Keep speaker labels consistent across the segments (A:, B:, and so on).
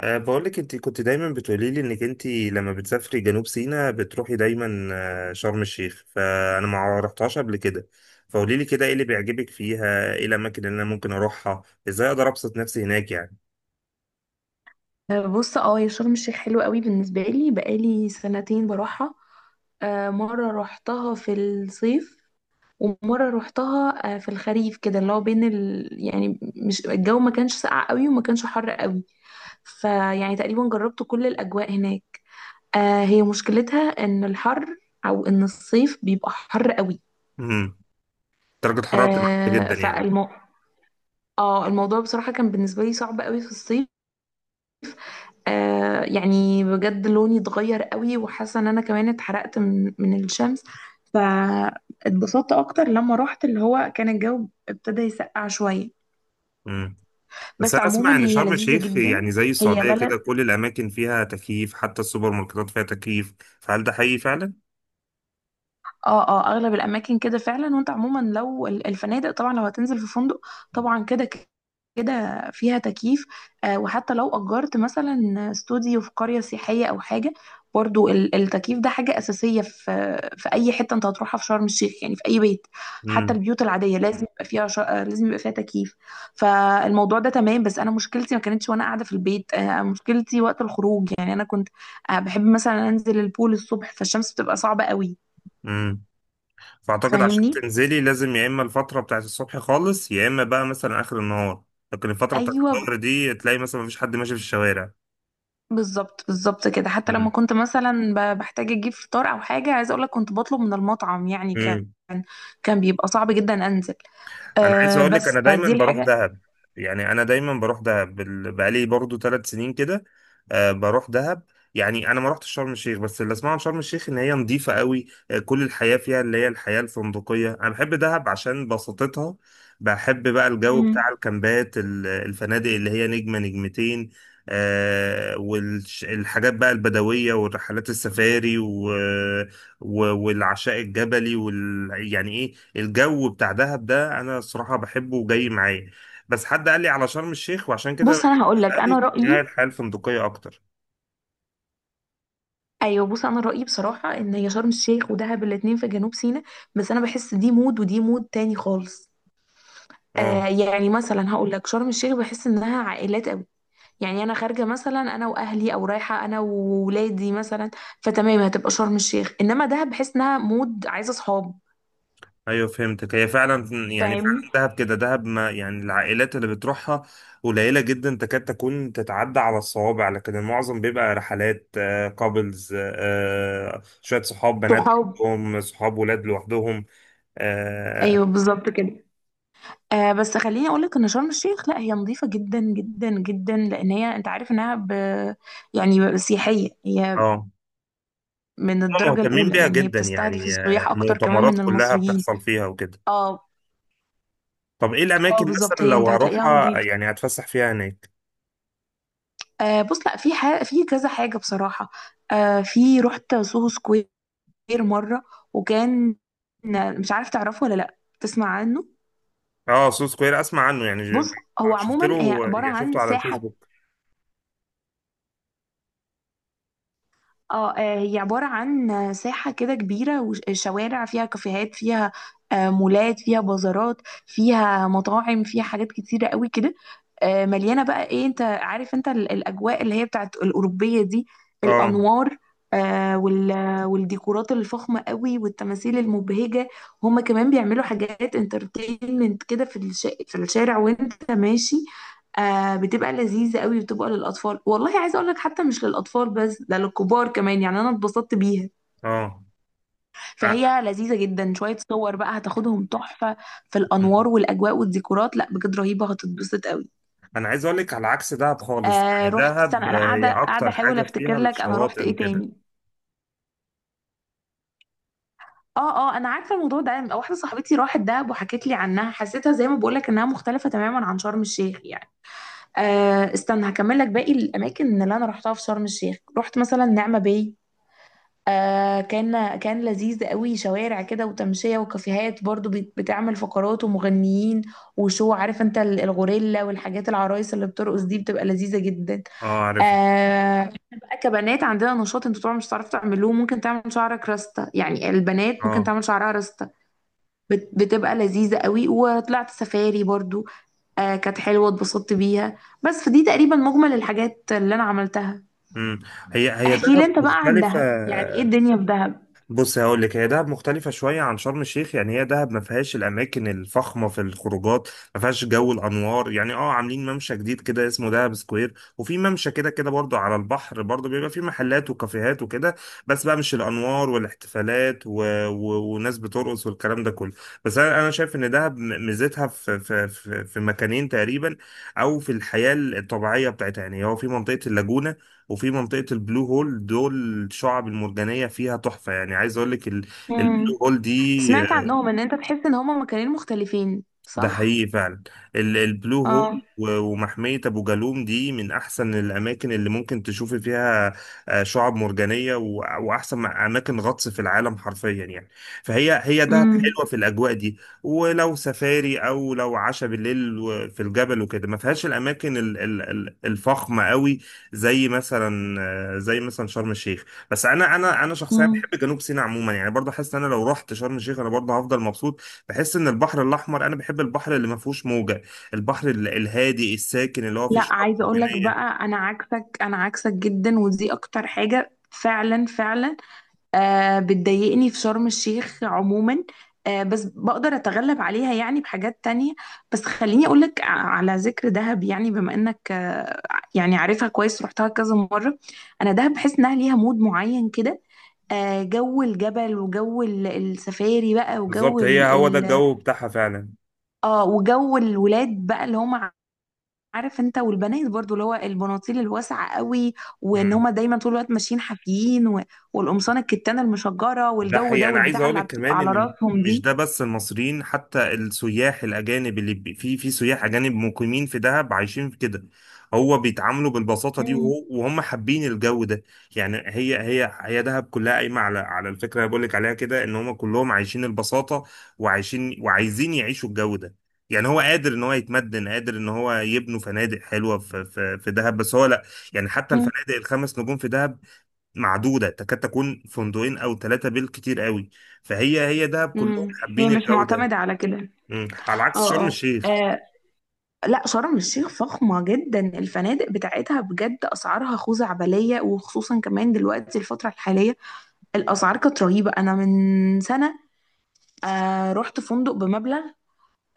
A: بقولك انت كنت دايما بتقولي لي انك انت لما بتسافري جنوب سيناء بتروحي دايما شرم الشيخ، فانا ما رحتهاش قبل كده. فقولي لي كده ايه اللي بيعجبك فيها، ايه الاماكن اللي انا ممكن اروحها، ازاي اقدر ابسط نفسي هناك يعني.
B: بص يا شرم الشيخ حلوة قوي بالنسبة لي بقالي سنتين بروحها. مرة روحتها في الصيف، ومرة روحتها في الخريف كده اللي هو بين يعني مش الجو، ما كانش ساقع قوي وما كانش حر قوي. فيعني تقريبا جربت كل الأجواء هناك. هي مشكلتها إن الحر، أو إن الصيف بيبقى حر قوي.
A: امم. درجة حرارة بتبقى عالية
B: آه،
A: جدا يعني.
B: فالمو... اه الموضوع بصراحة كان بالنسبة لي صعب قوي في الصيف. يعني بجد لوني اتغير قوي، وحاسه ان انا كمان اتحرقت من الشمس. فاتبسطت اكتر لما رحت اللي هو كان الجو ابتدى يسقع شويه.
A: امم. بس
B: بس
A: انا اسمع
B: عموما
A: ان
B: هي
A: شرم
B: لذيذه
A: الشيخ يعني
B: جدا.
A: زي
B: هي
A: السعودية كده
B: بلد.
A: كل الاماكن فيها تكييف حتى السوبر ماركتات فيها تكييف، فهل ده حقيقي فعلا؟
B: اه اه، اغلب الاماكن كده فعلا، وانت عموما لو الفنادق، طبعا لو هتنزل في فندق طبعا كده فيها تكييف. آه، وحتى لو اجرت مثلا استوديو في قرية سياحية او حاجة، برضو التكييف ده حاجة أساسية في أي حتة أنت هتروحها في شرم الشيخ، يعني في أي بيت. حتى
A: امم.
B: البيوت العادية لازم يبقى فيها ش... آه، لازم يبقى فيها تكييف. فالموضوع ده تمام، بس أنا مشكلتي ما كانتش وأنا قاعدة في البيت، مشكلتي وقت الخروج. يعني أنا كنت بحب مثلا أنزل البول الصبح، فالشمس بتبقى صعبة قوي.
A: امم. فاعتقد عشان
B: فاهمني؟
A: تنزلي لازم يا اما الفتره بتاعت الصبح خالص يا اما بقى مثلا اخر النهار، لكن الفتره بتاعت
B: ايوه،
A: الظهر دي تلاقي مثلا مفيش حد ماشي في الشوارع.
B: بالظبط بالظبط كده. حتى لما كنت مثلا بحتاج اجيب فطار او حاجه، عايزه اقول لك كنت بطلب من المطعم، يعني كان
A: امم.
B: كان بيبقى صعب جدا انزل.
A: انا عايز اقول لك
B: بس
A: انا دايما
B: فدي
A: بروح
B: الحاجه.
A: دهب. يعني انا دايما بروح دهب بقالي برضو 3 سنين كده. بروح دهب. يعني انا ما رحتش شرم الشيخ، بس اللي اسمعه عن شرم الشيخ ان هي نظيفه قوي، آه كل الحياه فيها اللي هي الحياه الفندقيه. انا بحب دهب عشان بساطتها، بحب بقى الجو
B: مم.
A: بتاع الكامبات الفنادق اللي هي نجمه نجمتين. والحاجات بقى البدويه والرحلات السفاري و... والعشاء الجبلي يعني ايه الجو بتاع دهب ده، انا الصراحه بحبه وجاي معايا، بس حد قال لي على شرم الشيخ وعشان كده
B: بص انا هقول لك انا
A: بسالك إن هي
B: رايي.
A: الحياه الفندقيه اكتر.
B: ايوه بص، انا رايي بصراحه ان هي شرم الشيخ ودهب الاتنين في جنوب سيناء، بس انا بحس دي مود ودي مود تاني خالص.
A: اه،
B: يعني مثلا هقول لك شرم الشيخ بحس انها عائلات قوي، يعني انا خارجه مثلا انا واهلي، او رايحه انا وولادي مثلا، فتمام هتبقى شرم الشيخ. انما دهب بحس انها مود عايزه صحاب.
A: ايوه فهمتك، هي فعلا يعني
B: فاهمني؟
A: فعلا دهب كده. دهب ما يعني العائلات اللي بتروحها قليله جدا، تكاد تكون تتعدى على الصوابع، لكن المعظم بيبقى رحلات كابلز، شويه صحاب بنات
B: صحاب.
A: لوحدهم، صحاب ولاد لوحدهم.
B: ايوه
A: اه.
B: بالظبط كده. بس خليني اقول لك ان شرم الشيخ، لا هي نظيفه جدا جدا جدا، لان هي انت عارف انها يعني سياحيه هي
A: آه.
B: من
A: هم
B: الدرجه
A: مهتمين
B: الاولى،
A: بيها
B: يعني هي
A: جدا
B: بتستهدف
A: يعني،
B: السياح اكتر كمان
A: المؤتمرات
B: من
A: كلها
B: المصريين.
A: بتحصل فيها وكده.
B: اه.
A: طب ايه
B: اه
A: الاماكن
B: بالظبط،
A: مثلا
B: هي انت
A: لو
B: هتلاقيها
A: هروحها
B: نظيفه.
A: يعني هتفسح فيها هناك؟
B: بص، لا في ح... في كذا حاجه بصراحه. في رحت سوهو سكوير غير مرة، وكان، مش عارف تعرفه ولا لأ، تسمع عنه؟
A: اه، سو سكوير اسمع عنه، يعني
B: بص هو
A: شفت
B: عموما هي
A: له
B: عبارة
A: يعني
B: عن
A: شفته على
B: ساحة.
A: الفيسبوك.
B: اه، هي عبارة عن ساحة كده كبيرة وشوارع فيها، كافيهات فيها، مولات فيها، بازارات فيها، مطاعم فيها، حاجات كتيرة قوي كده. مليانة بقى، ايه، انت عارف انت الأجواء اللي هي بتاعت الأوروبية دي،
A: اه.
B: الأنوار، والديكورات الفخمة قوي والتماثيل المبهجة. هما كمان بيعملوا حاجات انترتينمنت كده في الشارع وانت ماشي. بتبقى لذيذة قوي، وبتبقى للأطفال، والله عايزة أقول لك حتى مش للأطفال بس، ده للكبار كمان، يعني أنا اتبسطت بيها.
A: اه. آه.
B: فهي لذيذة جدا. شوية صور بقى هتاخدهم تحفة في الأنوار والأجواء والديكورات، لا بجد رهيبة، هتتبسط قوي.
A: انا عايز اقول لك على عكس دهب خالص، يعني
B: رحت، استنى
A: دهب
B: أنا
A: هي
B: قاعدة
A: اكتر
B: أحاول
A: حاجه
B: أفتكر
A: فيها
B: لك، أنا رحت
A: الشواطئ
B: إيه
A: وكده.
B: تاني. اه اه، انا عارفه الموضوع ده. واحده صاحبتي راحت دهب وحكت لي عنها، حسيتها زي ما بقول لك انها مختلفه تماما عن شرم الشيخ يعني. استنى هكمل لك باقي الاماكن اللي انا رحتها في شرم الشيخ. رحت مثلا نعمه باي، كان لذيذ قوي، شوارع كده وتمشية وكافيهات، برضو بتعمل فقرات ومغنيين. وشو، عارف انت الغوريلا والحاجات، العرايس اللي بترقص دي، بتبقى لذيذة جدا.
A: اه عارفها.
B: احنا بقى كبنات عندنا نشاط انتوا طبعا مش هتعرفوا تعملوه، ممكن تعمل شعرك راستة، يعني البنات ممكن
A: اه.
B: تعمل شعرها راستة. بتبقى لذيذة قوي. وطلعت سفاري برضو، كانت حلوة اتبسطت بيها. بس فدي تقريبا مجمل الحاجات اللي انا عملتها.
A: امم. هي هي
B: احكي لي
A: دهب
B: انت بقى عن
A: مختلفه.
B: دهب، يعني ايه الدنيا في دهب؟
A: بص هقول لك، هي دهب مختلفة شوية عن شرم الشيخ، يعني هي دهب ما فيهاش الأماكن الفخمة في الخروجات، ما فيهاش جو الأنوار يعني. اه عاملين ممشى جديد كده اسمه دهب سكوير، وفي ممشى كده كده برضو على البحر برضو بيبقى فيه محلات وكافيهات وكده، بس بقى مش الأنوار والاحتفالات وناس بترقص والكلام ده كله. بس أنا شايف إن دهب ميزتها في مكانين تقريبا، أو في الحياة الطبيعية بتاعتها. يعني هو في منطقة اللاجونة وفي منطقة البلو هول، دول الشعب المرجانية فيها تحفة. يعني عايز اقول لك البلو
B: مم.
A: هول دي
B: سمعت عنهم ان انت تحس ان هما مكانين مختلفين،
A: ده
B: صح؟
A: حقيقي فعلا. البلو هول
B: اه.
A: ومحمية أبو جالوم دي من أحسن الأماكن اللي ممكن تشوفي فيها، شعاب مرجانية وأحسن أماكن غطس في العالم حرفيا يعني. فهي هي دهب
B: امم.
A: حلوة في الأجواء دي، ولو سفاري أو لو عشاء بالليل في الجبل وكده ما فيهاش الأماكن الفخمة قوي، زي مثلا زي مثلا شرم الشيخ. بس أنا شخصيا
B: مم.
A: بحب جنوب سيناء عموما، يعني برضه حاسس إن أنا لو رحت شرم الشيخ أنا برضه هفضل مبسوط. بحس ان البحر الاحمر، انا بحب البحر اللي ما فيهوش موجه، البحر الهادي الساكن اللي هو فيه
B: لا
A: شعاب
B: عايزه اقول لك
A: مرجانيه.
B: بقى، انا عكسك، انا عكسك جدا، ودي اكتر حاجه فعلا فعلا بتضايقني في شرم الشيخ عموما، بس بقدر اتغلب عليها يعني بحاجات تانية. بس خليني اقولك، على ذكر دهب، يعني بما انك يعني عارفها كويس، رحتها كذا مرة. انا دهب بحس انها ليها مود معين كده، جو الجبل، وجو السفاري بقى، وجو
A: بالظبط، هي
B: ال
A: هو ده
B: ال
A: الجو بتاعها فعلا.
B: اه وجو الولاد بقى اللي هم، عارف انت، والبنات برضو، اللي هو البناطيل الواسعه قوي، وان
A: مم.
B: هما دايما طول الوقت ماشيين حافيين، و... والقمصان الكتانه المشجره
A: ده
B: والجو
A: حقيقي.
B: ده
A: انا عايز
B: والبتاع
A: اقول
B: اللي
A: لك
B: بتبقى
A: كمان
B: على
A: ان
B: راسهم
A: مش
B: دي.
A: ده بس المصريين، حتى السياح الاجانب اللي في سياح اجانب مقيمين في دهب عايشين في كده، هو بيتعاملوا بالبساطه دي،
B: مم.
A: وهم حابين الجو ده. يعني هي دهب كلها قايمه على الفكره اللي بقول لك عليها كده، ان هم كلهم عايشين البساطه وعايشين وعايزين يعيشوا الجو ده. يعني هو قادر ان هو يتمدن، قادر ان هو يبنوا فنادق حلوه في دهب بس هو لا. يعني حتى
B: مم.
A: الفنادق الخمس نجوم في دهب معدودة تكاد تكون فندقين أو ثلاثة بالكتير قوي. فهي هي دهب كلهم
B: امم، هي
A: حابين
B: مش
A: الجودة.
B: معتمده على كده.
A: مم. على عكس
B: اه
A: شرم
B: اه.
A: الشيخ.
B: آه لا شرم الشيخ فخمة جدا، الفنادق بتاعتها بجد أسعارها خزعبلية، وخصوصا كمان دلوقتي الفترة الحالية الأسعار كانت رهيبة. أنا من سنة رحت فندق بمبلغ،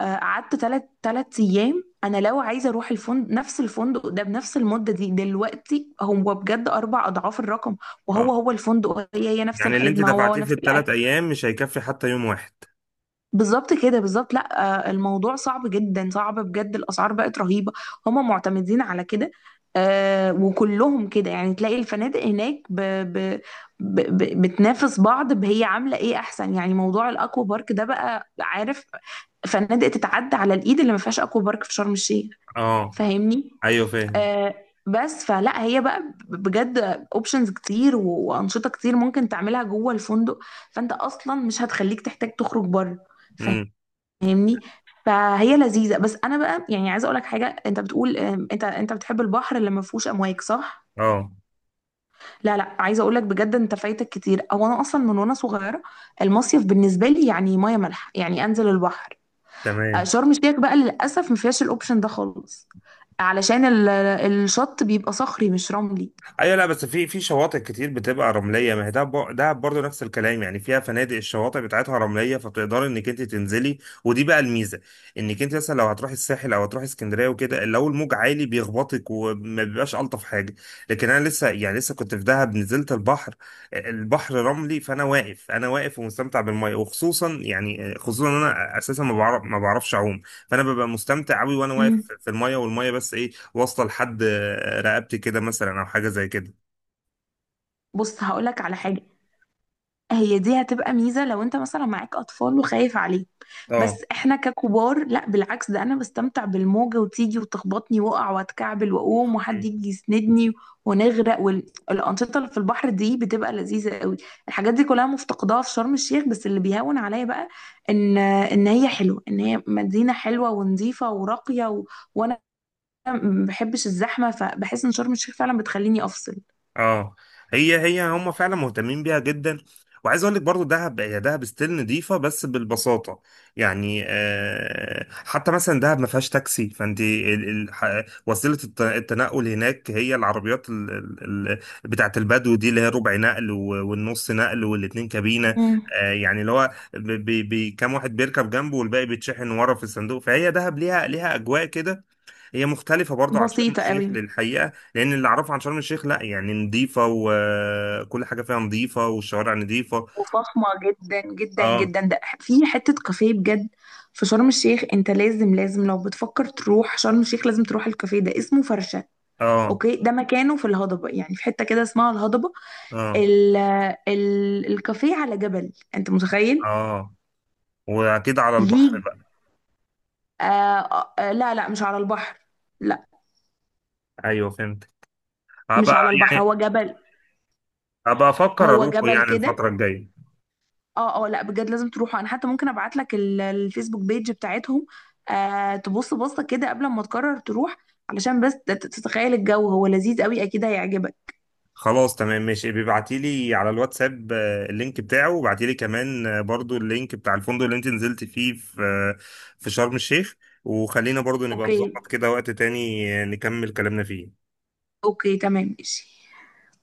B: قعدت تلات أيام. أنا لو عايزة أروح الفندق، نفس الفندق ده، بنفس المدة دي دلوقتي، هو بجد أربع أضعاف الرقم.
A: اه.
B: وهو الفندق، هي نفس
A: يعني اللي أنت
B: الخدمة، هو
A: دفعتيه
B: نفس
A: في الثلاث
B: الأكل.
A: أيام مش هيكفي حتى يوم واحد.
B: بالظبط كده، بالظبط. لا الموضوع صعب جدا، صعب بجد، الاسعار بقت رهيبه، هما معتمدين على كده. وكلهم كده، يعني تلاقي الفنادق هناك ب ب ب ب بتنافس بعض، هي عامله ايه احسن. يعني موضوع الاكوا بارك ده بقى، عارف، فنادق تتعدى على الايد اللي ما فيهاش اكوا بارك في شرم الشيخ.
A: اه.
B: فاهمني؟
A: أيوه فاهم.
B: آه بس فلا، هي بقى بجد اوبشنز كتير وانشطه كتير ممكن تعملها جوه الفندق، فانت اصلا مش هتخليك تحتاج تخرج بره.
A: مم.
B: فاهمني؟ فهي لذيذه. بس انا بقى يعني عايزه اقول لك حاجه، انت بتقول انت بتحب البحر اللي ما فيهوش امواج، صح؟
A: اه
B: لا لا، عايزه اقول لك بجد انت فايتك كتير. او انا اصلا من وانا صغيره المصيف بالنسبه لي يعني ميه مالحه، يعني انزل البحر.
A: تمام.
B: شرم الشيخ بقى للاسف ما فيهاش الاوبشن ده خالص، علشان الشط بيبقى صخري مش رملي.
A: ايوه، لا بس في شواطئ كتير بتبقى رمليه، ما هي دهب دهب برضه نفس الكلام يعني فيها فنادق الشواطئ بتاعتها رمليه، فبتقدري انك انت تنزلي. ودي بقى الميزه، انك انت مثلا لو هتروحي الساحل او هتروحي اسكندريه وكده لو الموج عالي بيخبطك وما بيبقاش الطف حاجه. لكن انا لسه كنت في دهب، نزلت البحر البحر رملي، فانا واقف انا واقف ومستمتع بالميه، وخصوصا يعني خصوصا إن انا اساسا ما بعرفش اعوم. فانا ببقى مستمتع قوي وانا
B: مم.
A: واقف في الميه، والميه بس ايه واصله لحد رقبتي كده مثلا او حاجه زي كده.
B: بص هقول لك على حاجه، هي دي هتبقى ميزة لو انت مثلا معاك اطفال وخايف عليهم. بس
A: اه.
B: احنا ككبار لا، بالعكس، ده انا بستمتع بالموجة وتيجي وتخبطني، واقع واتكعبل واقوم وحد يجي يسندني، ونغرق، والانشطة اللي في البحر دي بتبقى لذيذة قوي. الحاجات دي كلها مفتقداها في شرم الشيخ. بس اللي بيهون عليا بقى ان هي حلوة، ان هي مدينة حلوة ونظيفة وراقية وانا ما بحبش الزحمة، فبحس ان شرم الشيخ فعلا بتخليني افصل.
A: اه. هي هي هم فعلا مهتمين بيها جدا. وعايز اقول لك برضو دهب، هي دهب ستيل نضيفه بس بالبساطه. يعني حتى مثلا دهب ما فيهاش تاكسي، فانت وسيله التنقل هناك هي العربيات بتاعت البدو دي اللي هي ربع نقل والنص نقل والاتنين كابينه.
B: مم.
A: يعني اللي هو كام واحد بيركب جنبه والباقي بيتشحن ورا في الصندوق، فهي دهب ليها اجواء كده. هي مختلفة برضو عن شرم
B: بسيطة
A: الشيخ
B: قوي
A: للحقيقة، لأن اللي أعرفه عن شرم الشيخ لأ يعني نظيفة وكل حاجة فيها نظيفة والشوارع نظيفة.
B: وفخمة جدا جدا
A: اه.
B: جدا. ده في حتة كافيه بجد في شرم الشيخ، انت لازم، لازم لو بتفكر تروح شرم الشيخ لازم تروح الكافيه ده، اسمه فرشة.
A: اه.
B: اوكي. ده مكانه في الهضبة، يعني في حتة كده اسمها الهضبة.
A: اه.
B: ال ال الكافيه على جبل، انت متخيل؟
A: اه. وأكيد على البحر
B: ليه؟
A: بقى.
B: لا لا، مش على البحر. لا
A: أيوه فهمت.
B: مش
A: هبقى
B: على البحر،
A: يعني
B: هو جبل.
A: هبقى أفكر
B: هو
A: أروحه
B: جبل
A: يعني
B: كده.
A: الفترة الجاية.
B: اه اه، لا بجد لازم تروحوا. انا حتى ممكن ابعت لك الفيسبوك بيج بتاعتهم، تبص بصه كده قبل ما تقرر تروح، علشان بس تتخيل الجو، هو لذيذ قوي اكيد هيعجبك.
A: خلاص تمام ماشي، بيبعتيلي على الواتساب اللينك بتاعه، وبعتيلي كمان برضو اللينك بتاع الفندق اللي أنت نزلت فيه في في شرم الشيخ، وخلينا برضو نبقى
B: اوكي.
A: نظبط كده وقت تاني نكمل كلامنا فيه.
B: اوكي تمام ماشي.